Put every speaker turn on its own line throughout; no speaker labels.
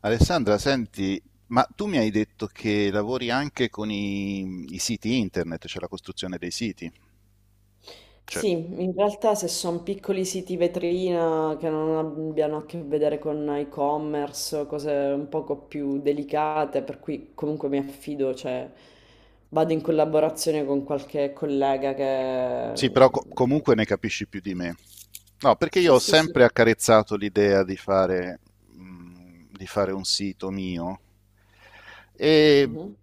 Alessandra, senti, ma tu mi hai detto che lavori anche con i siti internet, cioè la costruzione dei siti. Cioè,
Sì, in realtà se sono piccoli siti vetrina che non abbiano a che vedere con e-commerce, cose un poco più delicate, per cui comunque mi affido, cioè vado in collaborazione con qualche collega che
sì, però comunque ne capisci più di me. No, perché
sì,
io ho
sì, sì,
sempre accarezzato l'idea di fare un sito mio e
mhm,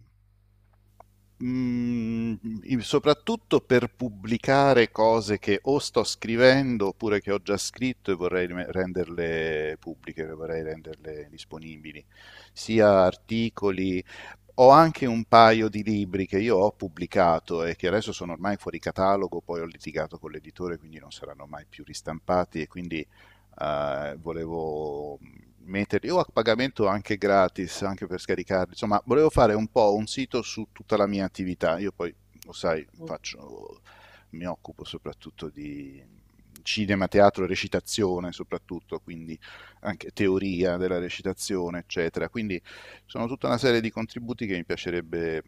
Mm, soprattutto per pubblicare cose che o sto scrivendo oppure che ho già scritto e vorrei renderle pubbliche, vorrei renderle disponibili, sia articoli. Ho anche un paio di libri che io ho pubblicato e che adesso sono ormai fuori catalogo, poi ho litigato con l'editore, quindi non saranno mai più ristampati e quindi volevo metterli o a pagamento anche gratis, anche per scaricarli. Insomma, volevo fare un po' un sito su tutta la mia attività. Io poi, lo sai, faccio, mi occupo soprattutto di cinema, teatro, recitazione soprattutto, quindi anche teoria della recitazione, eccetera. Quindi sono tutta una serie di contributi che mi piacerebbe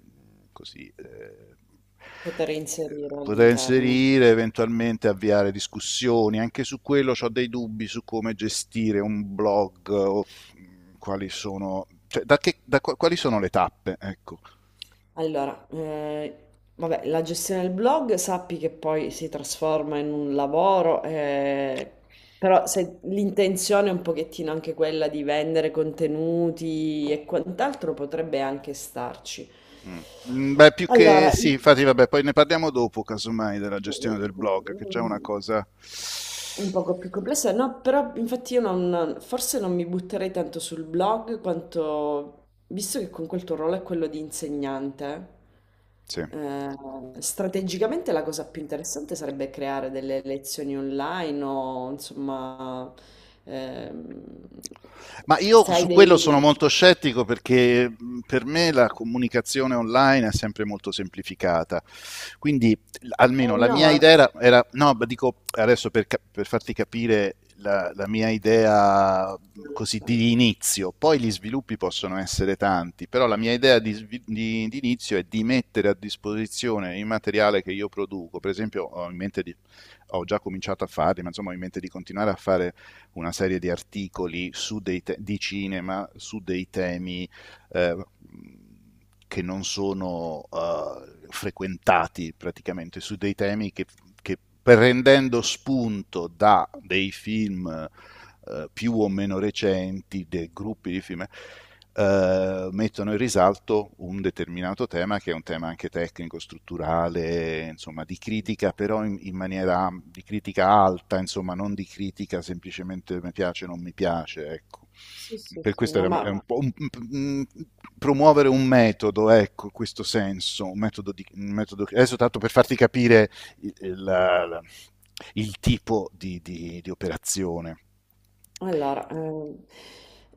così
poter inserire
poter
all'interno.
inserire, eventualmente avviare discussioni. Anche su quello ho dei dubbi su come gestire un blog o quali sono, cioè, da che- da qua- quali sono le tappe, ecco.
Allora, eh, vabbè, la gestione del blog sappi che poi si trasforma in un lavoro, però se l'intenzione è un pochettino anche quella di vendere contenuti e quant'altro potrebbe anche starci.
Mm. Mm, beh, più che
Allora,
sì,
i-
infatti, vabbè, poi ne parliamo dopo, casomai, della gestione del blog, che è già una cosa...
un poco più complessa, no, però infatti io non, forse non mi butterei tanto sul blog quanto, visto che con quel tuo ruolo è quello di insegnante,
Sì.
eh, strategicamente la cosa più interessante sarebbe creare delle lezioni online o insomma, ehm,
Ma
se
io
hai
su
dei...
quello sono molto scettico perché per me la comunicazione online è sempre molto semplificata. Quindi almeno la mia
no,
idea era, no, ma dico adesso per, per farti capire la mia idea così
ok.
di inizio, poi gli sviluppi possono essere tanti, però la mia idea di, di inizio è di mettere a disposizione il materiale che io produco. Per esempio, ho in mente di, ho già cominciato a farli, ma insomma ho in mente di continuare a fare una serie di articoli su di cinema su dei temi eh, che non sono frequentati praticamente su dei temi che prendendo spunto da dei film più o meno recenti, dei gruppi di film, mettono in risalto un determinato tema che è un tema anche tecnico, strutturale, insomma di critica, però in maniera di critica alta, insomma non di critica semplicemente mi piace o non mi piace, ecco,
Sì, sì,
per
sì,
questo
no,
era
ma...
è un po' un- promuovere un metodo, ecco, in questo senso, un metodo, di, un metodo adesso tanto per farti capire il, il- il tipo di, di operazione.
Allora, ehm,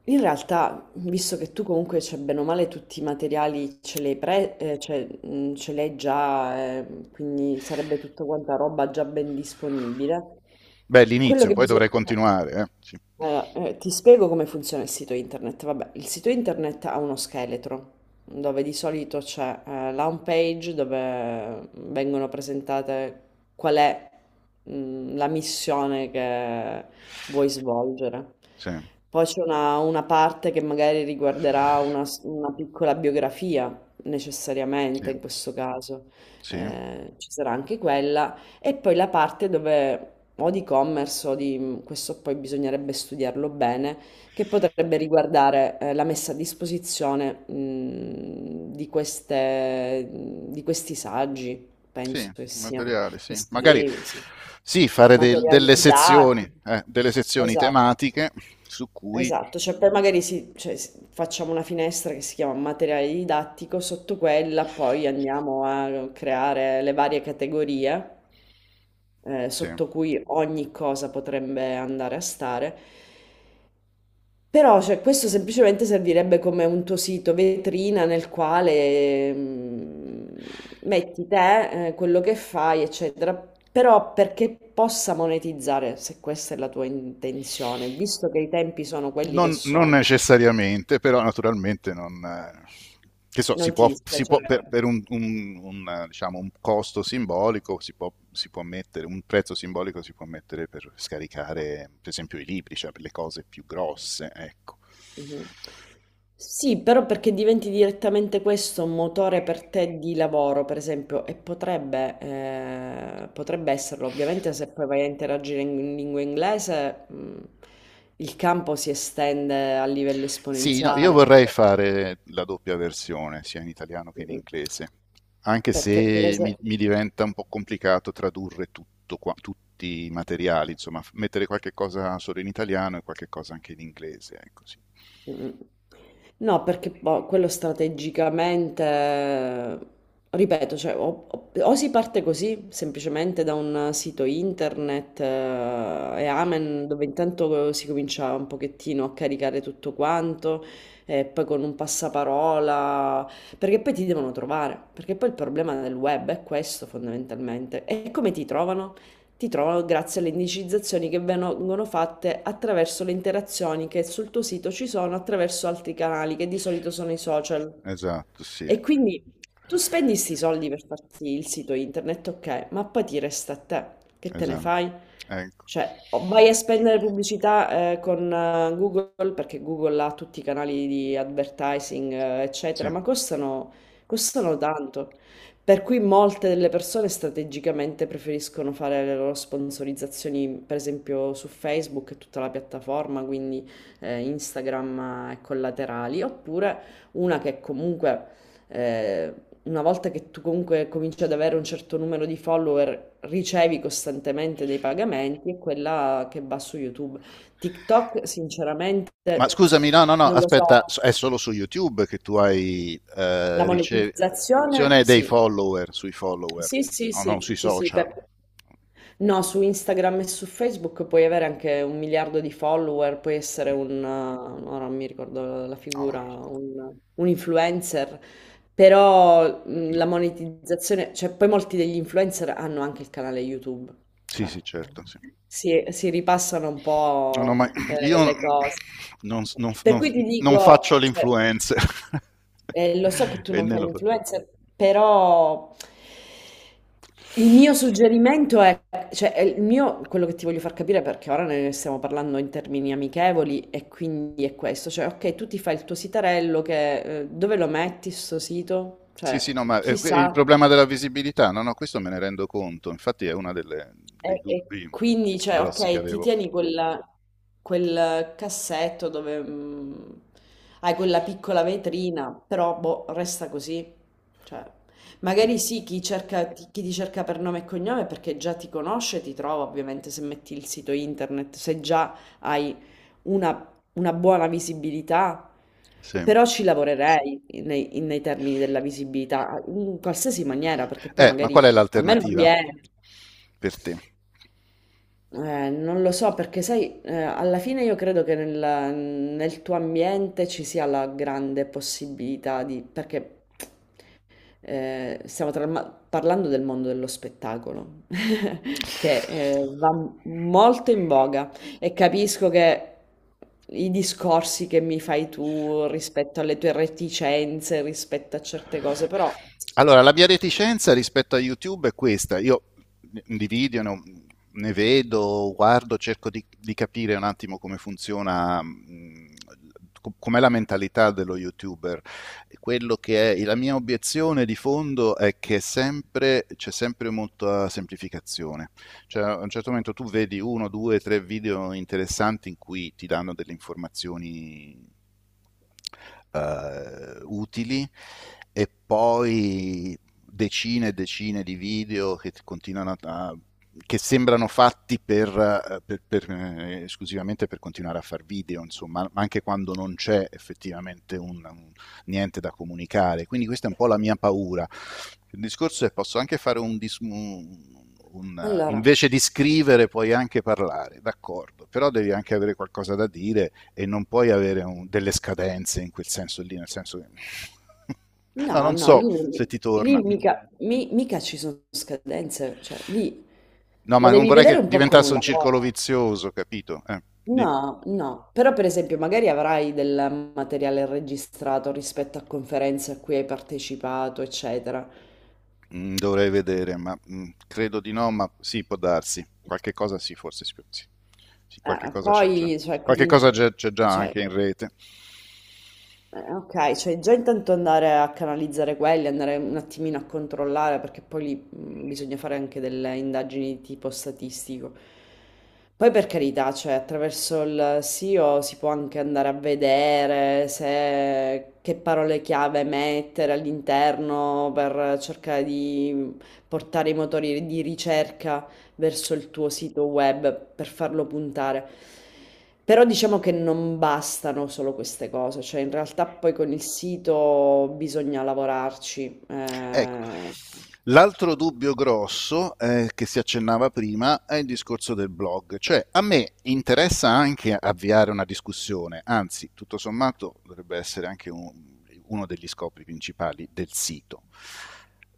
in realtà, visto che tu comunque c'è bene o male tutti i materiali ce l'hai già, quindi sarebbe tutta quanta roba già ben disponibile.
Beh,
Quello
l'inizio,
che
poi dovrei
bisogna... Esatto.
continuare, eh. Sì,
Allora, ti spiego come funziona il sito internet. Vabbè, il sito internet ha uno scheletro dove di solito c'è la home page dove vengono presentate qual è mm, la missione che vuoi svolgere.
sì,
Poi c'è una parte che magari riguarderà una, una piccola biografia,
sì,
necessariamente in questo caso.
sì,
Ci sarà anche quella e poi la parte dove o di commerce o di mm, questo poi bisognerebbe studiarlo bene, che potrebbe riguardare la messa a disposizione di queste, mm, di questi saggi, penso
sì,
che siano,
materiale,
che
sì. Magari
scrivi, sì.
sì, fare
Materiali didattici.
delle sezioni
Esatto.
tematiche su cui...
Esatto, cioè poi magari si- cioè, si- facciamo una finestra che si chiama materiale didattico, sotto quella poi andiamo a creare le varie categorie
Sì.
sotto cui ogni cosa potrebbe andare a stare però cioè, questo semplicemente servirebbe come un tuo sito vetrina nel quale mm, metti te, quello che fai, eccetera. Però perché possa monetizzare, se questa è la tua intenzione, visto che i tempi sono quelli che
Non
sono,
necessariamente, però naturalmente non... che so,
non ti
si può per,
dispiacerebbe.
un, diciamo, un costo simbolico, si può mettere, un prezzo simbolico si può mettere per scaricare, per esempio, i libri, cioè per le cose più grosse, ecco.
Mhm. Sì, però perché diventi direttamente questo un motore per te di lavoro, per esempio, e potrebbe, potrebbe esserlo, ovviamente se poi vai a interagire in lingua inglese, il campo si estende a livello
Sì, no, io
esponenziale.
vorrei fare la doppia versione, sia in italiano che in
Mm.
inglese, anche
Perché per
se
esempio...
mi diventa un po' complicato tradurre tutti i materiali, insomma, mettere qualche cosa solo in italiano e qualche cosa anche in inglese, ecco, sì.
Mm. No, perché boh, quello strategicamente, ripeto, cioè, o si parte così, semplicemente da un sito internet e Amen, dove intanto si comincia un pochettino a caricare tutto quanto, e poi con un passaparola, perché poi ti devono trovare, perché poi il problema del web è questo fondamentalmente. E come ti trovano? Ti trovano grazie alle indicizzazioni che vengono fatte attraverso le interazioni che sul tuo sito ci sono attraverso altri canali, che di solito sono i social.
Esatto, sì,
E quindi tu spendi 'sti soldi per farti il sito internet, okay, ma poi ti resta a te. Che te ne
esatto,
fai?
ecco,
Cioè, o vai a spendere pubblicità, con Google, perché Google ha tutti i canali di advertising, eccetera,
sì.
ma costano, costano tanto. Per cui molte delle persone strategicamente preferiscono fare le loro sponsorizzazioni, per esempio su Facebook e tutta la piattaforma, quindi Instagram e collaterali, oppure una che comunque... eh, una volta che tu comunque cominci ad avere un certo numero di follower, ricevi costantemente dei pagamenti, è quella che va su YouTube. TikTok, sinceramente,
Ma scusami, no, no, no,
non lo so.
aspetta, è solo su YouTube che tu hai
La monetizzazione,
ricezione dei
sì.
follower, sui follower,
Sì, sì,
no, non
sì,
sui
sì, sì,
social.
no, su Instagram e su Facebook puoi avere anche un miliardo di follower, puoi essere
Mm,
un, ora non mi ricordo la
no,
figura, un influencer, però
no.
la monetizzazione, cioè poi molti degli influencer hanno anche il canale YouTube,
Sì,
cioè
sì, certo, sì.
si ripassano un
Non ho
po'
mai... Io
le cose.
non, non-
Per
non-
cui ti
non faccio
dico, cioè,
l'influencer.
lo so che tu
E
non
né
fai
lo faccio.
l'influencer, però il mio suggerimento è, cioè, è il mio, quello che ti voglio far capire, perché ora ne stiamo parlando in termini amichevoli, e quindi è questo, cioè, ok, tu ti fai il tuo sitarello, che, dove lo metti sto sito?
Sì,
Cioè,
sì, no, ma il
chissà.
problema della visibilità, no, no, questo me ne rendo conto. Infatti è uno dei
E
dubbi
quindi, cioè,
grossi che
ok,
avevo.
quel cassetto dove mm, hai quella piccola vetrina, però boh, resta così. Cioè,
Mm,
magari sì, chi ti cerca per nome e cognome perché già ti conosce, ti trova ovviamente se metti il sito internet, se già hai una, una buona visibilità,
sì.
però ci lavorerei nei, nei termini della visibilità, in qualsiasi maniera, perché poi
Ma qual è
magari a me non
l'alternativa
viene.
per te?
Non lo so perché sai, alla fine io credo che nel, nel tuo ambiente ci sia la grande possibilità di... perché eh, stiamo tra- parlando del mondo dello spettacolo, che va molto in voga e capisco che i discorsi che mi fai tu rispetto alle tue reticenze, rispetto a certe cose, però...
Allora, la mia reticenza rispetto a YouTube è questa. Io di video ne vedo, guardo, cerco di capire un attimo come funziona, com'è la mentalità dello YouTuber. Quello che è la mia obiezione di fondo è che è sempre, c'è sempre molta semplificazione. Cioè, a un certo momento tu vedi uno, due, tre video interessanti in cui ti danno delle informazioni utili e poi decine e decine di video che continuano a che sembrano fatti per, esclusivamente per continuare a fare video, insomma, anche quando non c'è effettivamente un, niente da comunicare. Quindi questa è un po' la mia paura, il discorso è che posso anche fare un,
Allora,
invece di scrivere puoi anche parlare, d'accordo, però devi anche avere qualcosa da dire e non puoi avere delle scadenze in quel senso lì, nel senso che... No,
no,
non
no,
so
lì, non
se
mi-
ti torna.
lì mica, mi- mica ci sono scadenze, cioè lì
No,
la
ma non
devi
vorrei
vedere
che
un po' come
diventasse
un
un
lavoro.
circolo vizioso, capito? Di-
No, no, però per esempio magari avrai del materiale registrato rispetto a conferenze a cui hai partecipato, eccetera.
Mm, dovrei vedere, ma credo di no, ma sì, può darsi. Qualche cosa sì, forse sì, sì. Sì, qualche cosa c'è già.
Poi, cioè,
Qualche
comin-
cosa c'è già
cioè,
anche in rete.
Ok, cioè già intanto andare a canalizzare quelli, andare un attimino a controllare, perché poi lì bisogna fare anche delle indagini di tipo statistico. Poi per carità, cioè attraverso il SEO si può anche andare a vedere se, che parole chiave mettere all'interno per cercare di portare i motori di ricerca verso il tuo sito web per farlo puntare. Però diciamo che non bastano solo queste cose, cioè in realtà poi con il sito bisogna lavorarci.
Ecco. L'altro dubbio grosso che si accennava prima è il discorso del blog, cioè a me interessa anche avviare una discussione, anzi tutto sommato dovrebbe essere anche un, uno degli scopi principali del sito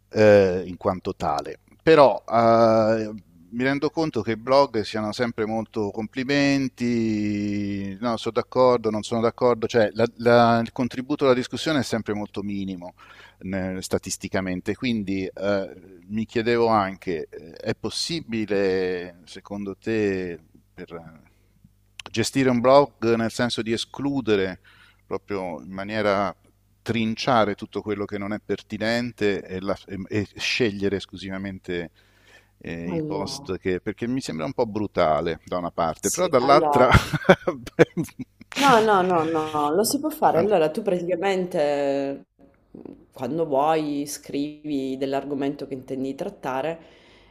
in quanto tale, però mi rendo conto che i blog siano sempre molto complimenti, no, sono d'accordo, non sono d'accordo, cioè il contributo alla discussione è sempre molto minimo statisticamente. Quindi mi chiedevo anche, è possibile, secondo te, per gestire un blog nel senso di escludere proprio in maniera trinciare tutto quello che non è pertinente e e scegliere esclusivamente i post
allora,
che, perché mi sembra un po' brutale da una parte, però
sì,
dall'altra...
allora. No, no, no, no, lo si può fare.
Tanto,
Allora, tu praticamente mm, quando vuoi scrivi dell'argomento che intendi trattare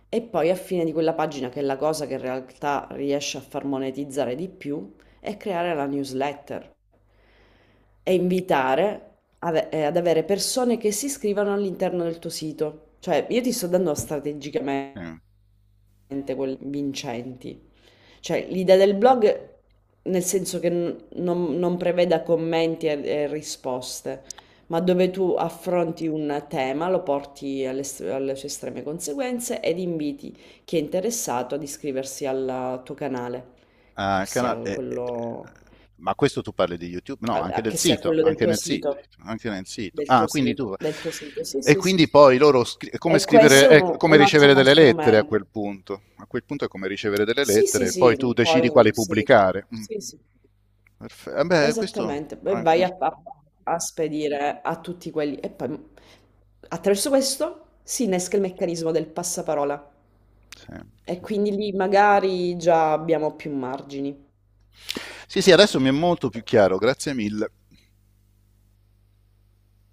e poi a fine di quella pagina, che è la cosa che in realtà riesce a far monetizzare di più, è creare la newsletter e invitare ad avere persone che si iscrivano all'interno del tuo sito. Cioè, io ti sto dando strategicamente
eh.
quelle vincenti. Cioè, l'idea del blog, nel senso che non preveda commenti e risposte, ma dove tu affronti un tema, lo porti alle sue estreme conseguenze ed inviti chi è interessato ad iscriversi al tuo canale, che
Ah, il
sia
canale,
quello,
ma questo tu parli di YouTube? No, anche del
che sia
sito,
quello del
anche
tuo
nel sito,
sito.
anche nel sito.
Del tuo
Ah, quindi tu...
sito, del tuo sito, sì,
E
sì, sì.
quindi poi loro, è come scrivere, è come
Un
ricevere
ottimo
delle lettere a
strumento.
quel punto. A quel punto è come ricevere delle
Sì, sì,
lettere, e poi
sì,
tu
poi
decidi quali
sì,
pubblicare. Mm.
sì, sì.
Eh beh, questo...
Esattamente, poi
ah,
a spedire a tutti quelli e poi attraverso questo si innesca il meccanismo del passaparola
sì,
e
sì.
quindi lì magari già abbiamo più margini.
Sì, sì, sì, adesso mi è molto più chiaro, grazie mille.